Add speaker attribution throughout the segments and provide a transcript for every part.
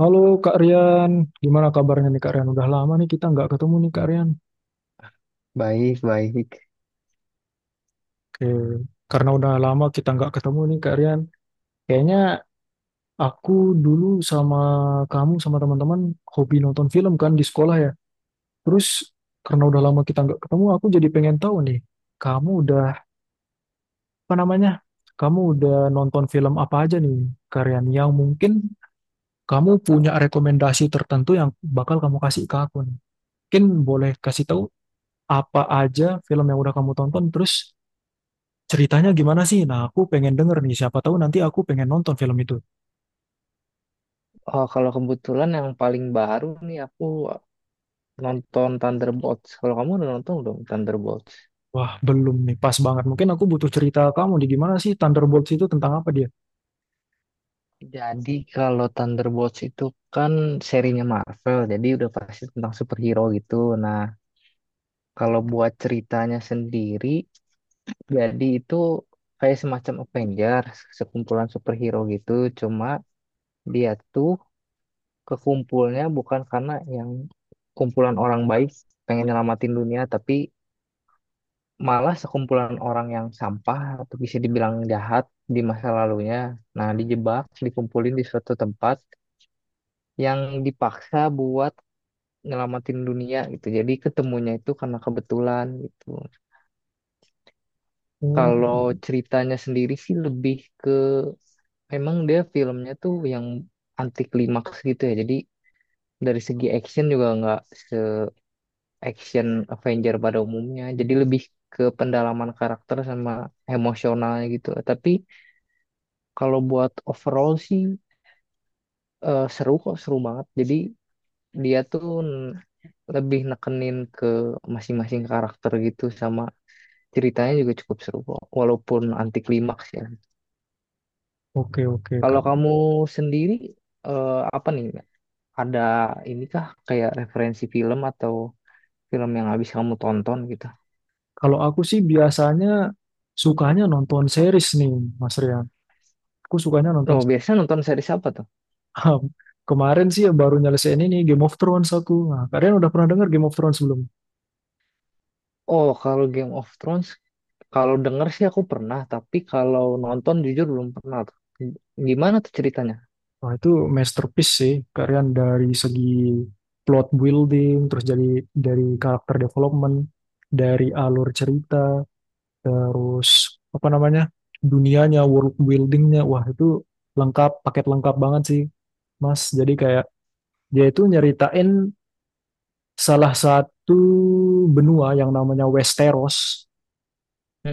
Speaker 1: Halo Kak Rian, gimana kabarnya nih Kak Rian? Udah lama nih kita nggak ketemu nih Kak Rian.
Speaker 2: Baik, baik.
Speaker 1: Oke, karena udah lama kita nggak ketemu nih Kak Rian. Kayaknya aku dulu sama kamu sama teman-teman hobi nonton film kan di sekolah ya. Terus karena udah lama kita nggak ketemu, aku jadi pengen tahu nih, kamu udah apa namanya? Kamu udah nonton film apa aja nih Kak Rian? Yang mungkin kamu punya rekomendasi tertentu yang bakal kamu kasih ke aku nih. Mungkin boleh kasih tahu apa aja film yang udah kamu tonton, terus ceritanya gimana sih? Nah, aku pengen denger nih, siapa tahu nanti aku pengen nonton film itu.
Speaker 2: Oh, kalau kebetulan yang paling baru nih aku nonton Thunderbolts. Kalau kamu udah nonton belum Thunderbolts?
Speaker 1: Wah, belum nih, pas banget. Mungkin aku butuh cerita kamu di gimana sih Thunderbolts itu tentang apa dia?
Speaker 2: Jadi kalau Thunderbolts itu kan serinya Marvel, jadi udah pasti tentang superhero gitu. Nah, kalau buat ceritanya sendiri, jadi itu kayak semacam Avengers, sekumpulan superhero gitu. Cuma dia tuh kekumpulnya bukan karena yang kumpulan orang baik pengen nyelamatin dunia, tapi malah sekumpulan orang yang sampah atau bisa dibilang jahat di masa lalunya. Nah, dijebak, dikumpulin di suatu tempat yang dipaksa buat nyelamatin dunia gitu. Jadi ketemunya itu karena kebetulan gitu.
Speaker 1: Oh,
Speaker 2: Kalau ceritanya sendiri sih lebih ke memang dia filmnya tuh yang anti klimaks gitu ya. Jadi dari segi action juga nggak se action Avenger pada umumnya. Jadi lebih ke pendalaman karakter sama emosionalnya gitu. Tapi kalau buat overall sih seru kok, seru banget. Jadi dia tuh lebih nekenin ke masing-masing karakter gitu sama ceritanya juga cukup seru kok, walaupun anti klimaks ya.
Speaker 1: oke oke
Speaker 2: Kalau
Speaker 1: Kak.
Speaker 2: kamu sendiri, apa nih? Ada ini kah kayak referensi film atau film yang habis kamu tonton gitu?
Speaker 1: Kalau aku sih biasanya sukanya nonton series nih, Mas Rian. Aku sukanya nonton
Speaker 2: Oh, biasanya nonton series apa tuh?
Speaker 1: kemarin sih baru nyelesain ini Game of Thrones aku. Nah, kalian udah pernah dengar Game of Thrones belum?
Speaker 2: Oh, kalau Game of Thrones kalau denger sih aku pernah, tapi kalau nonton jujur belum pernah tuh. Gimana tuh ceritanya?
Speaker 1: Wah, itu masterpiece sih, kalian dari segi plot building, terus jadi dari karakter development, dari alur cerita, terus apa namanya, dunianya, world buildingnya, wah itu lengkap, paket lengkap banget sih, Mas. Jadi kayak dia itu nyeritain salah satu benua yang namanya Westeros.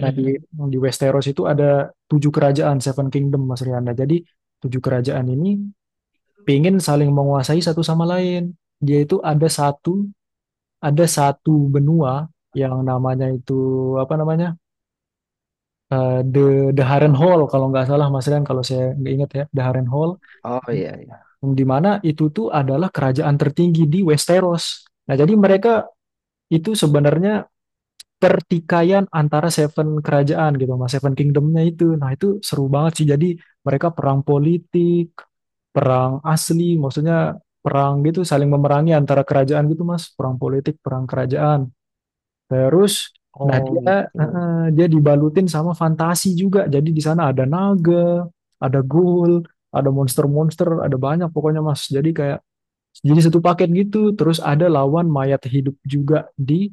Speaker 1: Nah, di, di Westeros itu ada tujuh kerajaan, Seven Kingdom, Mas Riana. Jadi tujuh kerajaan ini pingin saling menguasai satu sama lain. Dia itu ada satu benua yang namanya itu apa namanya. The Haren Hall kalau nggak salah Mas Rian, kalau saya nggak ingat ya, the Haren Hall
Speaker 2: Oh iya iya.
Speaker 1: di mana itu tuh adalah kerajaan tertinggi di Westeros. Nah, jadi mereka itu sebenarnya pertikaian antara Seven kerajaan gitu Mas, Seven Kingdomnya itu. Nah, itu seru banget sih, jadi mereka perang politik, perang asli, maksudnya perang gitu, saling memerangi antara kerajaan gitu Mas, perang politik, perang kerajaan. Terus nah
Speaker 2: Oh
Speaker 1: dia eh,
Speaker 2: gitu.
Speaker 1: eh, dia dibalutin sama fantasi juga. Jadi di sana ada naga, ada ghoul, ada monster-monster, ada banyak pokoknya Mas. Jadi kayak jadi satu paket gitu. Terus ada lawan mayat hidup juga di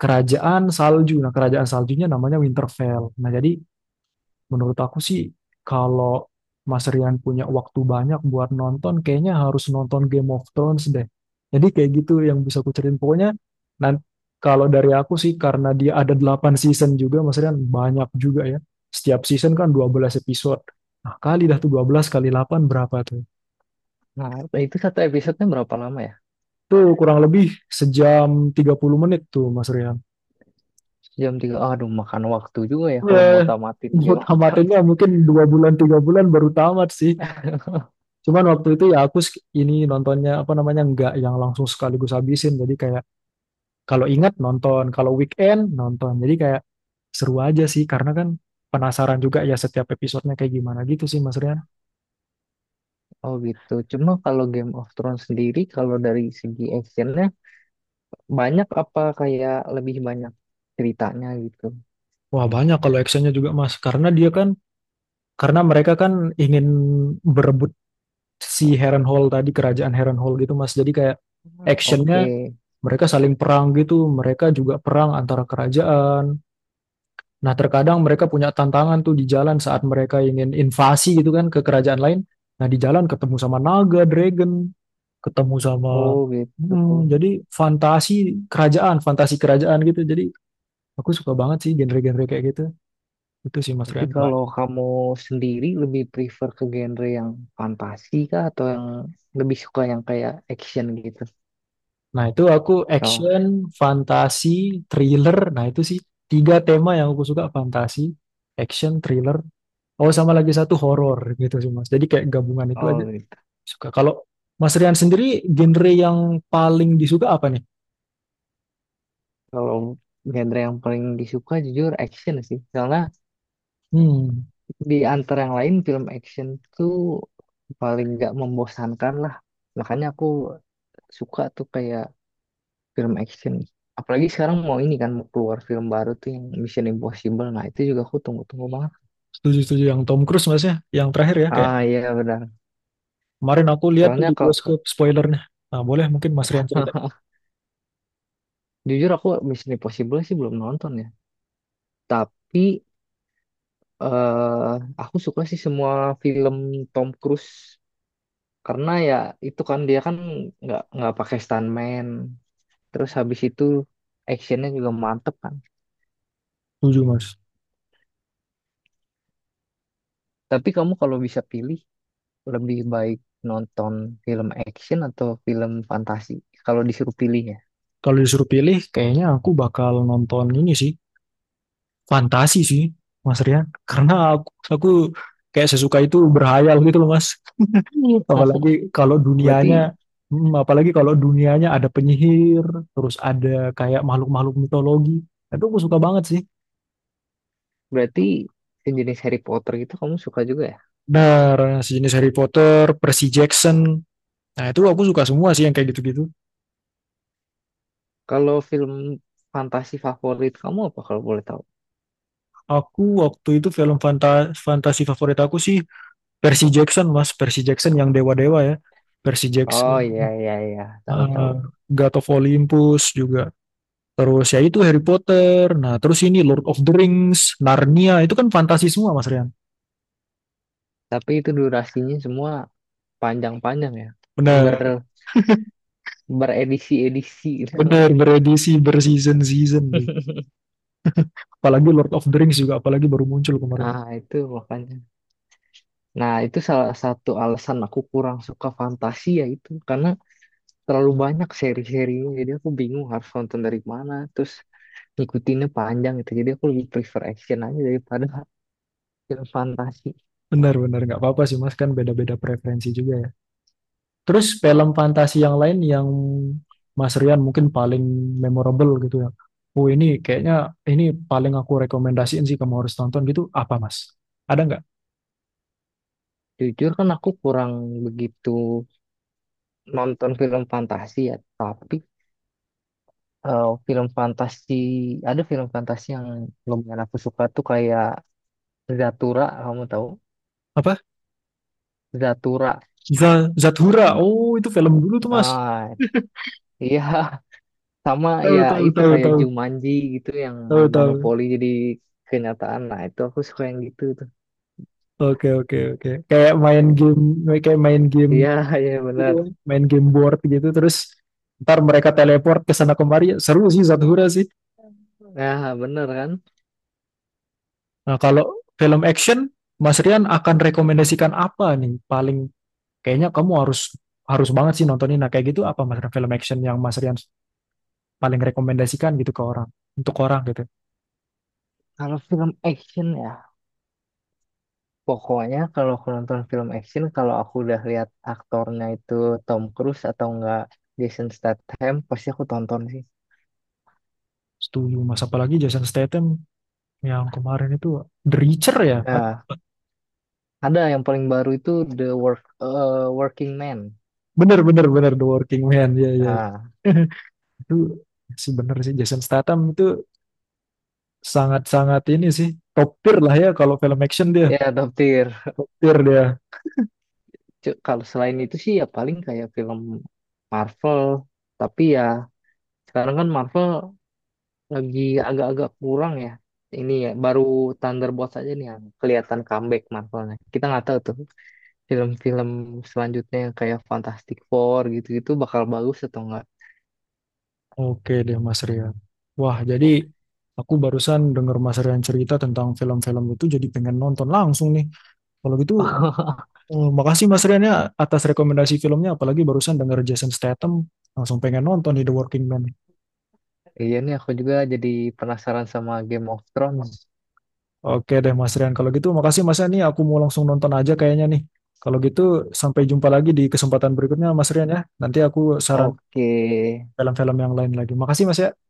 Speaker 1: kerajaan salju. Nah, kerajaan saljunya namanya Winterfell. Nah, jadi menurut aku sih, kalau Mas Rian punya waktu banyak buat nonton, kayaknya harus nonton Game of Thrones deh. Jadi kayak gitu yang bisa aku ceritain. Pokoknya, nanti kalau dari aku sih, karena dia ada 8 season juga, Mas Rian, banyak juga ya. Setiap season kan 12 episode. Nah, kali dah tuh 12 kali 8 berapa tuh?
Speaker 2: Nah, itu satu episodenya berapa lama ya?
Speaker 1: Tuh kurang lebih 1 jam 30 menit tuh, Mas Rian.
Speaker 2: Jam tiga. Aduh, makan waktu juga ya kalau mau
Speaker 1: Ya,
Speaker 2: tamatin
Speaker 1: mau
Speaker 2: Game of Thrones.
Speaker 1: tamatinnya mungkin 2 bulan, 3 bulan baru tamat sih. Cuman waktu itu ya ini nontonnya apa namanya nggak yang langsung sekaligus habisin. Jadi kayak kalau ingat nonton, kalau weekend nonton. Jadi kayak seru aja sih karena kan penasaran juga ya setiap episodenya kayak gimana gitu sih Mas Rian.
Speaker 2: Oh gitu. Cuma kalau Game of Thrones sendiri, kalau dari segi actionnya banyak apa kayak lebih banyak ceritanya gitu?
Speaker 1: Wah banyak kalau actionnya juga Mas. Karena mereka kan ingin berebut si Harrenhal tadi, kerajaan Harrenhal gitu Mas. Jadi kayak actionnya
Speaker 2: Oke.
Speaker 1: mereka saling perang gitu. Mereka juga perang antara kerajaan. Nah, terkadang mereka punya tantangan tuh di jalan saat mereka ingin invasi gitu kan ke kerajaan lain. Nah, di jalan ketemu sama naga, dragon, ketemu sama
Speaker 2: Oh gitu.
Speaker 1: hmm, jadi fantasi kerajaan gitu. Jadi aku suka banget sih genre-genre kayak gitu. Itu sih Mas
Speaker 2: Tapi
Speaker 1: Rian. Ba-
Speaker 2: kalau kamu sendiri lebih prefer ke genre yang fantasi kah atau yang lebih suka yang kayak action gitu?
Speaker 1: Nah, itu aku
Speaker 2: Oh,
Speaker 1: action, fantasi, thriller. Nah, itu sih tiga tema yang aku suka, fantasi, action, thriller. Oh, sama lagi satu horor gitu sih Mas. Jadi kayak gabungan itu
Speaker 2: oh
Speaker 1: aja
Speaker 2: gitu.
Speaker 1: suka. Kalau Mas Rian sendiri genre yang paling disuka apa nih?
Speaker 2: Kalau genre yang paling disuka jujur action sih. Karena
Speaker 1: Hmm,
Speaker 2: di antara yang lain film action tuh paling nggak membosankan lah. Makanya aku suka tuh kayak film action. Apalagi sekarang mau ini kan mau keluar film baru tuh yang Mission Impossible. Nah itu juga aku tunggu-tunggu banget.
Speaker 1: setuju-setuju yang Tom Cruise mas ya. Yang terakhir ya kayak
Speaker 2: Ah iya benar.
Speaker 1: kemarin aku lihat tuh
Speaker 2: Soalnya
Speaker 1: di
Speaker 2: kalau
Speaker 1: bioskop spoilernya. Nah boleh mungkin Mas Rian cerita.
Speaker 2: jujur aku Mission Impossible sih belum nonton ya. Tapi eh aku suka sih semua film Tom Cruise. Karena ya itu kan dia nggak pakai stuntman, terus habis itu actionnya juga mantep kan.
Speaker 1: Setuju mas.
Speaker 2: Tapi kamu kalau bisa pilih, lebih baik nonton film action atau film fantasi kalau disuruh pilih ya?
Speaker 1: Kalau disuruh pilih kayaknya aku bakal nonton ini sih. Fantasi sih Mas Rian. Karena aku kayak sesuka itu berhayal gitu loh mas. Apalagi kalau dunianya
Speaker 2: Berarti
Speaker 1: hmm, apalagi kalau dunianya ada penyihir, terus ada kayak makhluk-makhluk mitologi. Itu aku suka banget sih.
Speaker 2: Berarti sejenis Harry Potter gitu kamu suka juga ya?
Speaker 1: Benar, sejenis Harry Potter, Percy Jackson. Nah, itu aku suka semua sih yang kayak gitu-gitu.
Speaker 2: Kalau film fantasi favorit kamu apa kalau boleh tahu?
Speaker 1: Aku waktu itu film fantasi favorit aku sih Percy Jackson, Mas. Percy Jackson yang dewa-dewa ya. Percy Jackson.
Speaker 2: Oh iya iya iya, tahu tahu.
Speaker 1: Uh, God of Olympus juga. Terus ya itu Harry Potter. Nah, terus ini Lord of the Rings, Narnia. Itu kan fantasi semua, Mas Rian.
Speaker 2: Tapi itu durasinya semua panjang-panjang ya, ber
Speaker 1: Benar,
Speaker 2: beredisi-edisi gitu.
Speaker 1: benar beredisi berseason-season. Apalagi Lord of the Rings juga, apalagi baru muncul kemarin.
Speaker 2: Nah, itu makanya. Nah, itu salah satu alasan aku kurang suka fantasi ya itu. Karena terlalu banyak seri-serinya. Jadi aku bingung harus nonton dari mana. Terus ngikutinnya panjang gitu. Jadi aku lebih prefer action aja daripada film fantasi.
Speaker 1: Benar, benar. Nggak apa-apa sih, Mas. Kan beda-beda preferensi juga ya. Terus film fantasi yang lain yang Mas Rian mungkin paling memorable gitu ya. Oh ini kayaknya ini paling aku rekomendasiin sih kamu harus tonton gitu. Apa Mas? Ada nggak?
Speaker 2: Jujur kan aku kurang begitu nonton film fantasi ya. Tapi film fantasi, ada film fantasi yang lumayan aku suka tuh kayak Zathura, kamu tahu?
Speaker 1: Apa?
Speaker 2: Zathura.
Speaker 1: Za- Zathura. Oh itu film dulu tuh Mas.
Speaker 2: Ah, iya. Sama
Speaker 1: Tahu
Speaker 2: ya
Speaker 1: tahu
Speaker 2: itu
Speaker 1: tahu
Speaker 2: kayak
Speaker 1: tahu
Speaker 2: Jumanji gitu yang
Speaker 1: tahu
Speaker 2: main
Speaker 1: tahu.
Speaker 2: monopoli jadi kenyataan. Nah itu aku suka yang gitu tuh.
Speaker 1: Oke oke oke. Kayak main game
Speaker 2: Iya, iya
Speaker 1: gitu,
Speaker 2: benar.
Speaker 1: main game board gitu terus ntar mereka teleport ke sana kemari. Seru sih Zathura sih.
Speaker 2: Ya benar kan.
Speaker 1: Nah kalau film action Mas Rian akan rekomendasikan apa nih paling, kayaknya kamu harus harus banget sih nontonin. Nah, kayak gitu apa Mas Rian film action yang Mas Rian paling rekomendasikan gitu ke orang, untuk orang gitu.
Speaker 2: Kalau film action ya, pokoknya kalau aku nonton film action, kalau aku udah lihat aktornya itu Tom Cruise atau enggak Jason Statham, pasti aku tonton sih.
Speaker 1: Setuju, Mas. Apalagi Jason Statham yang kemarin itu The Reacher ya.
Speaker 2: Nah, ada yang paling baru itu The Work, eh, Working Man.
Speaker 1: Bener, bener, bener. The Working Man. Ya ya.
Speaker 2: Nah,
Speaker 1: Itu sih bener sih. Jason Statham itu sangat-sangat ini sih. Top tier lah ya kalau film action dia.
Speaker 2: ya Top Tier.
Speaker 1: Tier dia.
Speaker 2: Kalau selain itu sih ya paling kayak film Marvel, tapi ya sekarang kan Marvel lagi agak-agak kurang ya. Ini ya, baru Thunderbolts aja nih yang kelihatan comeback Marvelnya. Kita nggak tahu tuh film-film selanjutnya yang kayak Fantastic Four gitu-gitu bakal bagus atau enggak.
Speaker 1: Oke deh, Mas Rian. Wah, jadi aku barusan denger Mas Rian cerita tentang film-film itu jadi pengen nonton langsung nih. Kalau gitu oh, makasih Mas Rian ya atas rekomendasi filmnya, apalagi barusan denger Jason Statham, langsung pengen nonton nih The Working Man.
Speaker 2: Iya nih aku juga jadi penasaran sama Game of Thrones.
Speaker 1: Oke deh Mas Rian, kalau gitu makasih Mas Rian nih, aku mau langsung nonton aja kayaknya nih. Kalau gitu sampai jumpa lagi di kesempatan berikutnya Mas Rian ya. Nanti aku saran
Speaker 2: Oke.
Speaker 1: film-film yang lain lagi. Makasih Mas Rian.